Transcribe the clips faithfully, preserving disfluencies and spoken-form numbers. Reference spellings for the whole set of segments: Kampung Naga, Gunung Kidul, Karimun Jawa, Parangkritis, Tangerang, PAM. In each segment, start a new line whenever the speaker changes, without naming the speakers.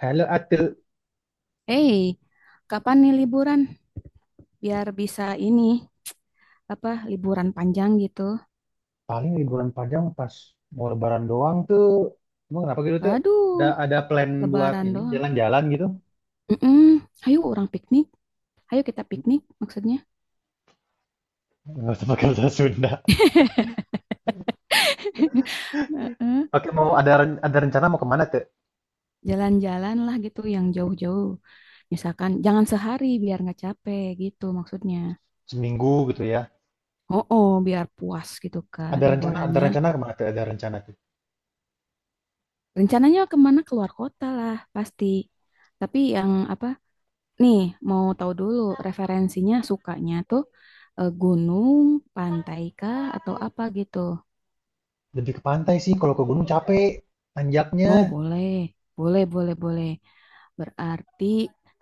Hello Atul,
Hey, kapan nih liburan? Biar bisa ini, apa, liburan panjang gitu.
paling liburan panjang pas mau lebaran doang tuh. Emang kenapa gitu tuh? Ada
Waduh,
ada plan buat
lebaran
ini
doang.
jalan-jalan gitu?
Mm-mm. Ayo orang piknik. Ayo kita piknik maksudnya.
Nggak usah pakai bahasa Sunda.
Heeh.
Oke, mau ada ren- ada rencana mau kemana tuh?
Jalan-jalan lah gitu yang jauh-jauh. Misalkan jangan sehari biar nggak capek gitu maksudnya.
Seminggu gitu ya.
Oh, oh, biar puas gitu kan
Ada rencana ada
liburannya.
rencana kemana tuh? Ada rencana tuh.
Rencananya kemana? Keluar kota lah pasti. Tapi yang apa nih, mau tahu dulu referensinya sukanya tuh, eh, gunung, pantai kah, atau apa gitu?
Lebih ke pantai sih. Kalau ke gunung capek nanjaknya.
Oh, boleh. Boleh, boleh, boleh. Berarti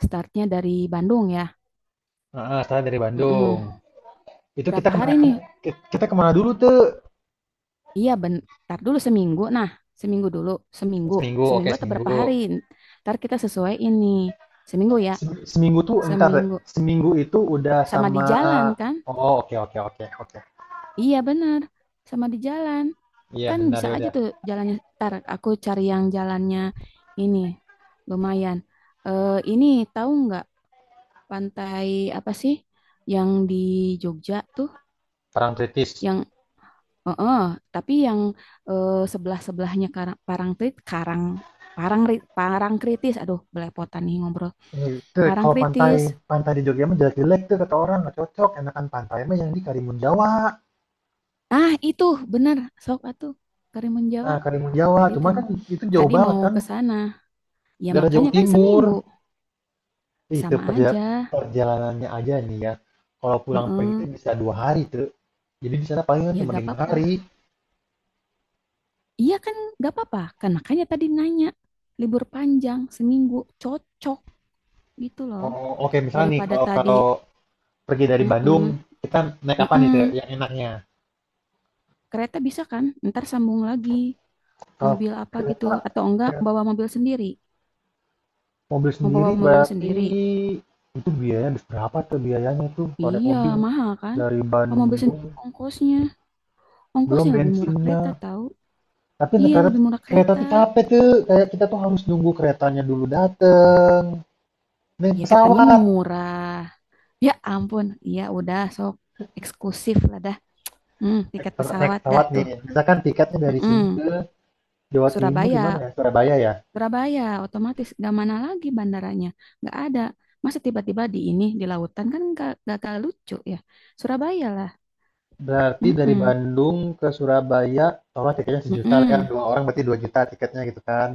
startnya dari Bandung ya?
Heeh, setelah dari Bandung.
Mm-mm.
Itu kita
Berapa hari
kemana
nih?
ke- kita kemana dulu tuh?
Iya, bentar dulu seminggu. Nah, seminggu dulu. Seminggu.
Seminggu, oke
Seminggu atau berapa
seminggu.
hari? Ntar kita sesuai ini. Seminggu ya?
Seminggu tuh entar.
Seminggu.
Seminggu itu udah
Sama di
sama.
jalan kan?
Oh oke oke oke oke.
Iya benar, sama di jalan.
Iya
Kan
benar
bisa
ya
aja
udah.
tuh jalannya. Ntar aku cari yang jalannya ini lumayan. Eh ini tahu nggak pantai apa sih yang di Jogja tuh?
Perang kritis.
Yang oh, eh, tapi yang eh, sebelah-sebelahnya Karang Parangtritis, Karang Parangri- Parangkritis. Aduh, belepotan nih ngobrol.
Eh, Itu kalau pantai
Parangkritis.
pantai di Jogja mah jelek-jelek tuh kata orang nggak cocok. Enakan pantai mah yang di Karimun Jawa.
Ah, itu benar. Sok atuh Karimun Jawa.
Nah Karimun Jawa,
Tadi
cuma
tem
kan itu jauh
tadi
banget
mau
kan.
ke sana. Ya
Daerah Jawa
makanya kan
Timur.
seminggu
Itu
sama
perja-
aja.
perjalanannya aja nih ya. Kalau pulang pergi itu
Heeh.
bisa dua hari tuh. Jadi di sana palingan
Ya
cuma
gak
lima hari.
apa-apa. Iya kan gak apa-apa. Kan makanya tadi nanya libur panjang seminggu cocok gitu loh.
Oh oke misalnya nih
Daripada
kalau
tadi,
kalau pergi dari Bandung,
heeh,
kita naik apa nih Teh,
heeh.
yang enaknya?
Kereta bisa kan? Ntar sambung lagi
Kalau
mobil apa gitu
kereta,
atau enggak
kereta
bawa mobil sendiri?
mobil
Mau bawa
sendiri
mobil
berarti
sendiri?
itu biayanya berapa tuh, biayanya tuh kalau naik
Iya
mobil
mahal kan?
dari
Bawa mobil sendiri
Bandung,
ongkosnya,
belum
ongkosnya lebih murah kereta
bensinnya.
tahu?
Tapi naik
Iya
kereta,
lebih murah
kereta
kereta.
tuh capek tuh kayak kita tuh harus nunggu keretanya dulu dateng. naik
Ya katanya
pesawat
murah. Ya ampun, iya udah sok eksklusif lah dah. Hmm, tiket
naik
pesawat dah
pesawat nih
tuh.
misalkan tiketnya dari sini
Mm-mm.
ke Jawa Timur di mana
Surabaya,
ya, Surabaya ya.
Surabaya otomatis gak mana lagi bandaranya, nggak ada. Masa tiba-tiba di ini di lautan kan gak, gak, gak lucu ya. Surabaya lah.
Berarti dari
Mm-mm.
Bandung ke Surabaya, taruhlah tiketnya sejuta, sejuta lah ya,
Mm-mm.
dua orang berarti dua juta tiketnya gitu kan.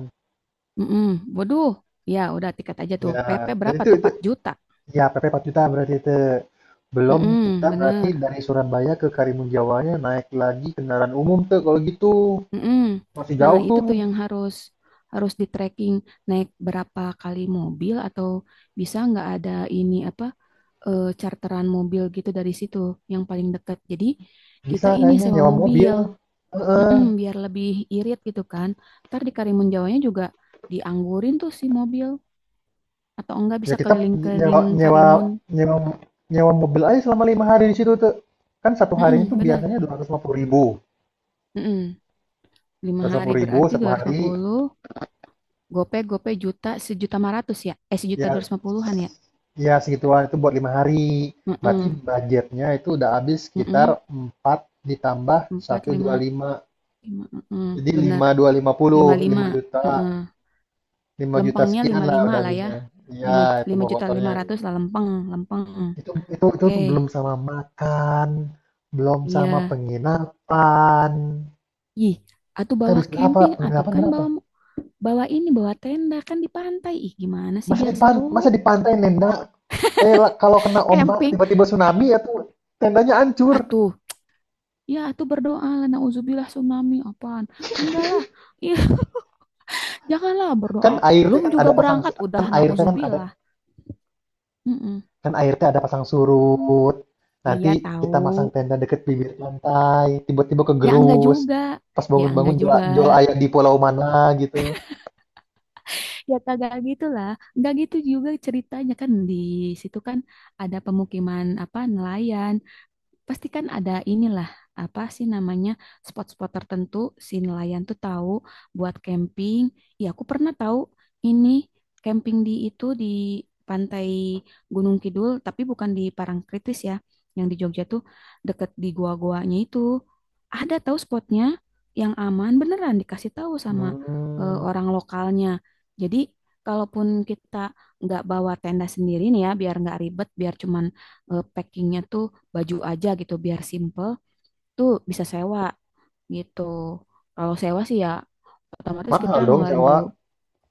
Mm-mm. Waduh, ya udah tiket aja tuh.
Ya,
pe pe
dan
berapa
itu
tuh?
itu
Empat juta.
ya P P rp juta berarti itu. Belum kita
Mm-mm,
berarti
bener.
dari Surabaya ke Karimun Jawanya naik lagi kendaraan umum tuh kalau gitu.
Mm-mm.
Masih
Nah,
jauh
itu
tuh.
tuh yang harus harus di tracking naik berapa kali mobil atau bisa nggak ada ini apa, eh, charteran mobil gitu dari situ yang paling dekat. Jadi
Bisa
kita ini
kayaknya
sewa
nyewa mobil.
mobil,
Heeh.
mm-mm, biar lebih irit gitu kan. Ntar di Karimun Jawanya juga dianggurin tuh si mobil atau enggak
Ya
bisa
kita nyewa
keliling-keliling
nyewa
Karimun.
nyewa nyewa mobil aja selama lima hari di situ tuh. Kan satu harinya
Mm-mm,
tuh
benar.
biasanya dua ratus lima puluh ribu.
Mm-mm.
Dua
Lima
ratus lima
hari
puluh ribu
berarti
satu
dua ratus lima
hari.
puluh. Gope gope juta sejuta lima ratus ya, eh sejuta dua
Ya,
ratus lima puluhan ya.
ya segituan itu buat lima hari. Berarti
Heeh.
budgetnya itu udah habis sekitar
Mm-mm.
empat ditambah
Empat,
seratus dua
lima,
puluh lima,
lima, mm-mm.
Jadi lima
Bener,
lima dua lima puluh
lima, lima,
lima juta,
mm-mm.
lima juta
Lempengnya
sekian
lima,
lah
lima
udah
lah ya,
habisnya. Iya,
lima,
itu
lima
bawa
juta
kotornya.
lima ratus lah lempeng, lempeng,
Itu, itu, itu
oke.
tuh belum sama makan, belum
Iya,
sama penginapan.
ih, atau
Kita
bawa
habis berapa?
camping, atau
Penginapan
kan
berapa?
bawa bawa ini, bawa tenda kan di pantai, ih, gimana sih
Masa
biar
di pan,
seru.
masa di pantai nenda? Eh, lah, kalau kena ombak
Camping.
tiba-tiba tsunami ya tuh tendanya hancur.
Atuh, ya atuh berdoa lah, nauzubillah tsunami, apaan, enggak lah, ih. Janganlah berdoa,
Kan air teh
belum
kan ada
juga
pasang su-
berangkat,
kan
udah
air teh kan ada
nauzubillah. mm
Kan air teh ada pasang surut. Nanti
Iya
kita masang
tahu.
tenda deket bibir pantai, tiba-tiba
Ya enggak
kegerus.
juga.
Pas
Ya
bangun-bangun
enggak
jual,
juga.
jual ayam di pulau mana gitu.
Ya kagak gitu lah. Enggak gitu juga ceritanya kan di situ kan ada pemukiman apa nelayan. Pasti kan ada inilah apa sih namanya spot-spot tertentu si nelayan tuh tahu buat camping. Ya aku pernah tahu ini camping di itu di pantai Gunung Kidul tapi bukan di Parangkritis ya. Yang di Jogja tuh deket di gua-guanya itu. Ada tahu spotnya yang aman beneran dikasih tahu sama eh,
Hmm,
orang lokalnya. Jadi kalaupun kita nggak bawa tenda sendiri nih ya biar nggak ribet biar cuman eh, packingnya tuh baju aja gitu biar simple tuh bisa sewa gitu. Kalau sewa sih ya otomatis kita
mahal dong
ngeluarin
sewa.
dulu.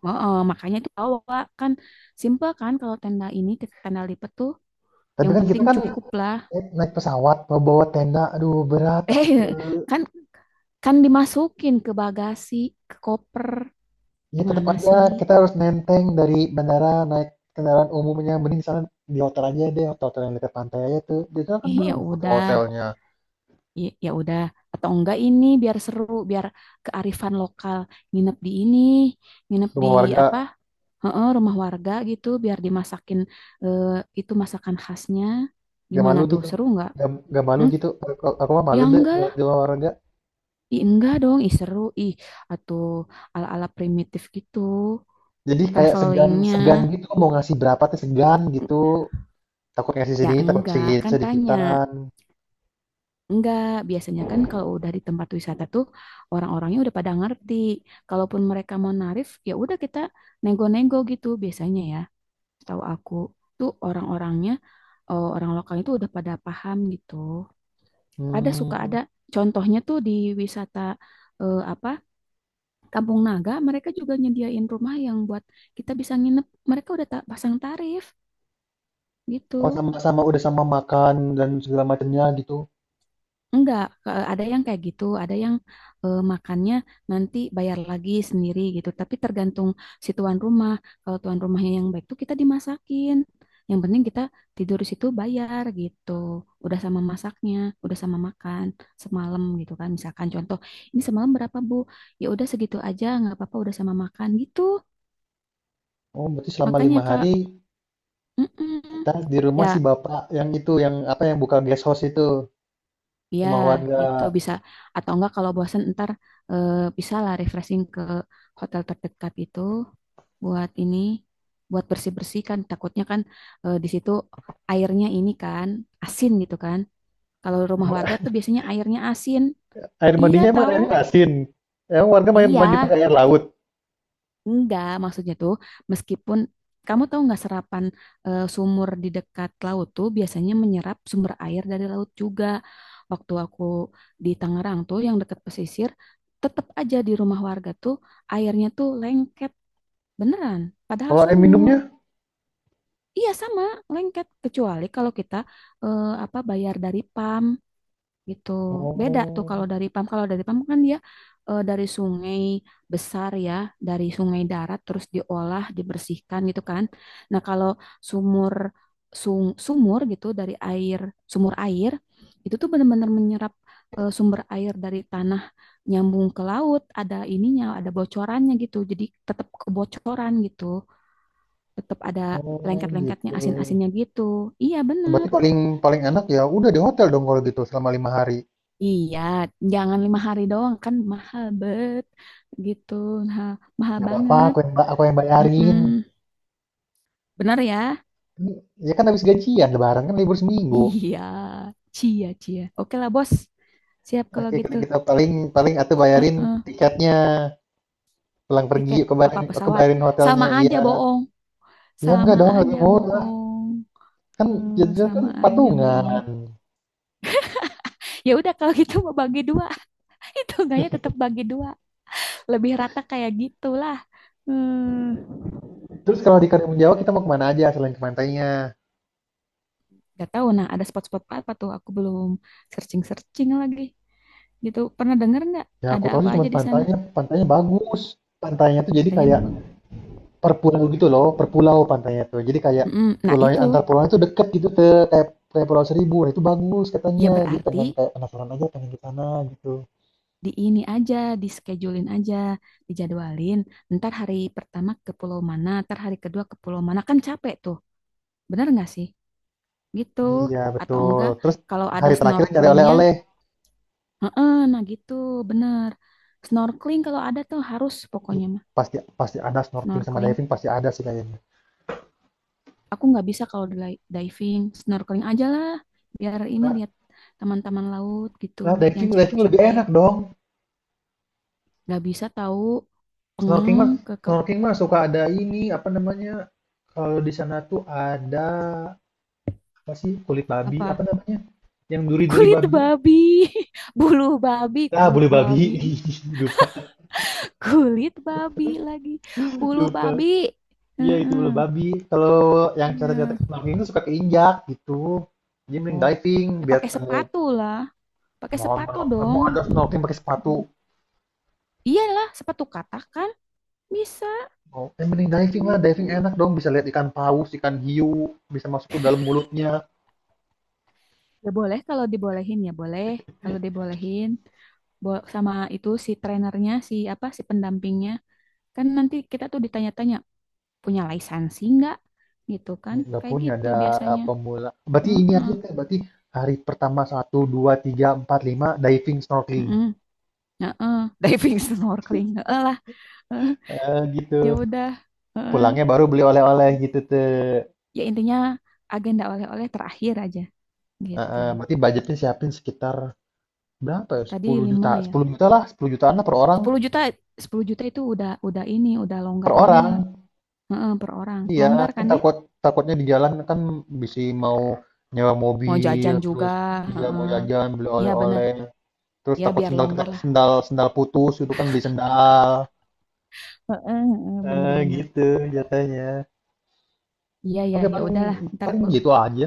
Ma- eh, makanya itu bawa kan simple kan kalau tenda ini tenda lipat tuh
Tapi
yang
kan kita
penting
kan
cukup lah.
naik naik pesawat mau bawa tenda, aduh berat atau
Eh
tuh.
kan kan dimasukin ke bagasi, ke koper.
Ya tetap
Gimana
aja
sih?
kita harus nenteng dari bandara naik kendaraan umumnya. Mending sana di hotel aja deh, hotel, -hotel yang dekat pantai aja tuh. Di sana kan
Ih, ya
bagus hotel
udah,
hotelnya
ya, ya udah. Atau enggak ini biar seru, biar kearifan lokal nginep di ini, nginep di
rumah warga.
apa? Heeh, rumah warga gitu biar dimasakin eh, itu masakan khasnya.
Gak
Gimana
malu
tuh?
gitu.
Seru nggak?
Gak, gak malu
Hmm?
gitu. Aku, aku mah malu
Ya
deh
enggak
kalau
lah.
di luar olahraga.
Ih, enggak dong. Ih, seru. Ih, atau ala-ala primitif gitu.
Jadi kayak segan segan
Travelingnya.
gitu mau ngasih berapa tuh segan gitu. Takut ngasih
Ya
sedikit, takut
enggak.
sedikit
Kan tanya.
sedikitan.
Enggak. Biasanya kan kalau udah di tempat wisata tuh orang-orangnya udah pada ngerti. Kalaupun mereka mau narif, ya udah kita nego-nego gitu biasanya ya. Tahu aku tuh orang-orangnya, eh, orang lokal itu udah pada paham gitu. Ada suka
Hmm.
ada contohnya tuh di wisata eh, apa Kampung Naga mereka juga nyediain rumah yang buat kita bisa nginep. Mereka udah ta- pasang tarif gitu.
Oh sama-sama udah sama makan dan segala macamnya gitu.
Enggak, ke- ada yang kayak gitu, ada yang eh, makannya nanti bayar lagi sendiri gitu. Tapi tergantung si tuan rumah. Kalau tuan rumahnya yang baik tuh kita dimasakin. Yang penting kita tidur di situ bayar gitu. Udah sama masaknya, udah sama makan semalam gitu kan. Misalkan contoh, ini semalam berapa Bu? Ya udah segitu aja, nggak apa-apa udah sama makan gitu.
Oh berarti selama
Makanya
lima
Kak,
hari
mm-mm.
kita di rumah si
Ya
bapak yang itu yang apa yang buka guest house itu
iya,
sama warga.
gitu bisa. Atau enggak kalau bosan ntar eh, bisa lah refreshing ke hotel terdekat itu buat ini, buat bersih-bersih kan. Takutnya kan, eh, di situ airnya ini kan asin gitu kan. Kalau rumah warga tuh biasanya airnya asin.
Air
Iya
mandinya emang
tahu.
airnya asin. Emang warga main
Iya,
mandi pakai air laut.
enggak, maksudnya tuh meskipun kamu tahu nggak serapan, eh, sumur di dekat laut tuh biasanya menyerap sumber air dari laut juga. Waktu aku di Tangerang tuh yang dekat pesisir, tetap aja di rumah warga tuh airnya tuh lengket beneran, padahal
Kalau air
sumur.
minumnya?
Iya sama, lengket kecuali kalau kita, eh, apa bayar dari PAM gitu. Beda tuh kalau
Oh,
dari PAM. Kalau dari PAM kan dia, eh, dari sungai besar ya, dari sungai darat terus diolah, dibersihkan gitu kan. Nah, kalau sumur sung- sumur gitu dari air, sumur air itu tuh benar-benar menyerap, eh, sumber air dari tanah nyambung ke laut, ada ininya, ada bocorannya gitu. Jadi tetap kebocoran gitu. Tetap ada
oh
lengket-lengketnya,
gitu.
asin-asinnya gitu. Iya,
Berarti
benar.
paling paling enak ya udah di hotel dong kalau gitu selama lima hari.
Iya, jangan lima hari doang kan mahal bet gitu, nah, mahal
Nggak apa-apa,
banget.
aku yang, ba- aku yang
Mm-mm.
bayarin.
Benar ya?
Ya kan habis gajian, lebaran kan libur seminggu.
Iya, cia cia. Oke lah bos, siap kalau
Oke, kalau
gitu.
kita paling paling atau
Eh,
bayarin tiketnya pulang pergi
tiket apa
kebayarin
pesawat?
kebayarin
Sama
hotelnya.
aja
Iya,
bohong,
ya enggak
sama
dong, lebih
aja
murah.
bohong.
Kan
Eh,
jadinya kan
sama aja
patungan.
bohong. Ya udah kalau gitu mau bagi dua, itu enggaknya tetap bagi dua, lebih rata kayak gitulah. Hmm.
Terus kalau di Karimun Jawa kita mau kemana aja selain ke pantainya?
Gak tahu. Nah, ada spot-spot apa tuh? Aku belum searching-searching lagi. Gitu. Pernah dengar nggak?
Ya aku
Ada
tahu
apa
sih cuma
aja di sana?
pantainya. Pantainya bagus. Pantainya tuh jadi
Pantainya
kayak
bagus.
per pulau gitu loh, per pulau pantainya tuh. Jadi kayak
Mm-mm. Nah,
pulau antar
itu.
pulau itu deket gitu tuh, kayak kayak Pulau Seribu. Nah, itu bagus
Ya
katanya. Jadi pengen
berarti
kayak penasaran aja pengen ke sana gitu.
di ini aja, di schedulein aja, dijadwalin. Ntar hari pertama ke pulau mana, ntar hari kedua ke pulau mana. Kan capek tuh. Bener nggak sih? Gitu.
Iya,
Atau
betul.
enggak,
Terus
kalau ada
hari terakhir cari
snorkelingnya,
oleh-oleh.
heeh, nah gitu, bener. Snorkeling kalau ada tuh harus pokoknya mah.
Pasti pasti ada snorkeling sama
Snorkeling
diving pasti ada sih kayaknya.
Aku nggak bisa kalau di- diving, snorkeling aja lah. Biar ini
Nah,
lihat teman-teman laut gitu,
nah,
yang
diving diving lebih
cetek-cetek.
enak dong.
Nggak bisa tahu
Snorkeling
peng
mah
ke, ke,
snorkeling mah suka ada ini apa namanya? Kalau di sana tuh ada apa sih kulit babi apa
apa
namanya? Yang duri-duri
kulit
babi.
babi, bulu babi,
Ah,
kulit
boleh babi.
babi,
Lupa.
kulit babi lagi, bulu
Lupa.
babi.
Iya itu
Heeh.
bulu babi. Kalau yang
Ya.
cetek-cetek snorkeling itu suka keinjak gitu. Jadi mending
Oh,
diving
ya
biar
pakai
ketemu
sepatu lah, pakai
mau
sepatu
mau- mau
dong.
ada snorkeling pakai sepatu.
Mm. Iyalah, sepatu katakan bisa.
Oh, eh, mending diving lah, diving
Mm-mm.
enak dong bisa lihat ikan paus, ikan hiu, bisa masuk ke dalam mulutnya.
Ya boleh kalau dibolehin ya boleh. Kalau dibolehin bo- sama itu si trenernya si apa si pendampingnya kan nanti kita tuh ditanya-tanya punya lisensi nggak gitu kan
Nggak
kayak
punya
gitu
ada eh,
biasanya.
pemula. Berarti ini
Heeh.
aja Teh. Berarti hari pertama satu dua tiga empat lima diving snorkeling.
Heeh. Heeh. Diving snorkeling. Heeh lah. Heeh.
Eh, gitu.
Ya udah. Heeh.
Pulangnya baru beli oleh-oleh gitu tuh.
Ya intinya agenda oleh-oleh terakhir aja
Eh,
gitu.
eh, berarti budgetnya siapin sekitar berapa ya?
Tadi
sepuluh juta,
lima ya.
sepuluh juta lah, sepuluh jutaan lah per orang,
Sepuluh juta sepuluh juta itu udah udah ini udah
per
longgar
orang.
banget. Heeh, per orang.
Iya,
Longgar
kan
kan ya?
takut takutnya di jalan kan bisa mau nyewa
Mau
mobil,
jajan juga.
terus dia mau
Heeh.
jajan, beli
Iya bener.
oleh-oleh, terus
Ya
takut
biar
sendal kita
longgar lah.
sendal sendal putus itu kan beli sendal.
Heeh, heeh,
Eh,
bener-bener.
gitu jatuhnya.
Iya ya
Oke,
ya
paling
udahlah. Ntar
paling
aku
gitu aja.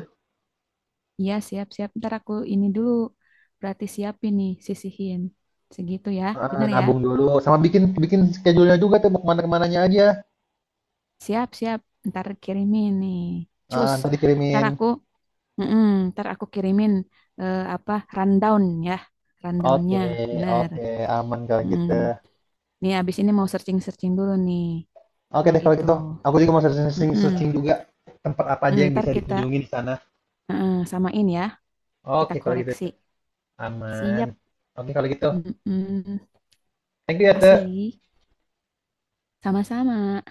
iya siap-siap. Ntar aku ini dulu. Berarti siapin nih sisihin segitu ya.
Eh,
Bener ya.
nabung dulu sama bikin bikin schedule-nya juga tuh mau kemana-kemananya aja.
Siap-siap. Ntar kirimin nih.
Eh,
Cus.
ntar
Ntar
dikirimin.
aku Heeh, ntar aku kirimin, eh, apa rundown ya. Rundownnya
Oke,
bener.
oke, aman kalau
Heeh.
gitu.
Nih abis ini mau searching-searching dulu nih.
Oke
Kalau
deh kalau
gitu.
gitu. Aku juga mau
Heeh.
searching-searching juga tempat apa aja
Hmm,
yang
ntar
bisa
kita
dikunjungi di sana.
Heeh, samain ya, kita
Oke kalau gitu,
koreksi.
Teh. Aman.
Siap.
Oke kalau gitu.
Mm-mm.
Thank you ya, Teh.
Kasih. Sama-sama.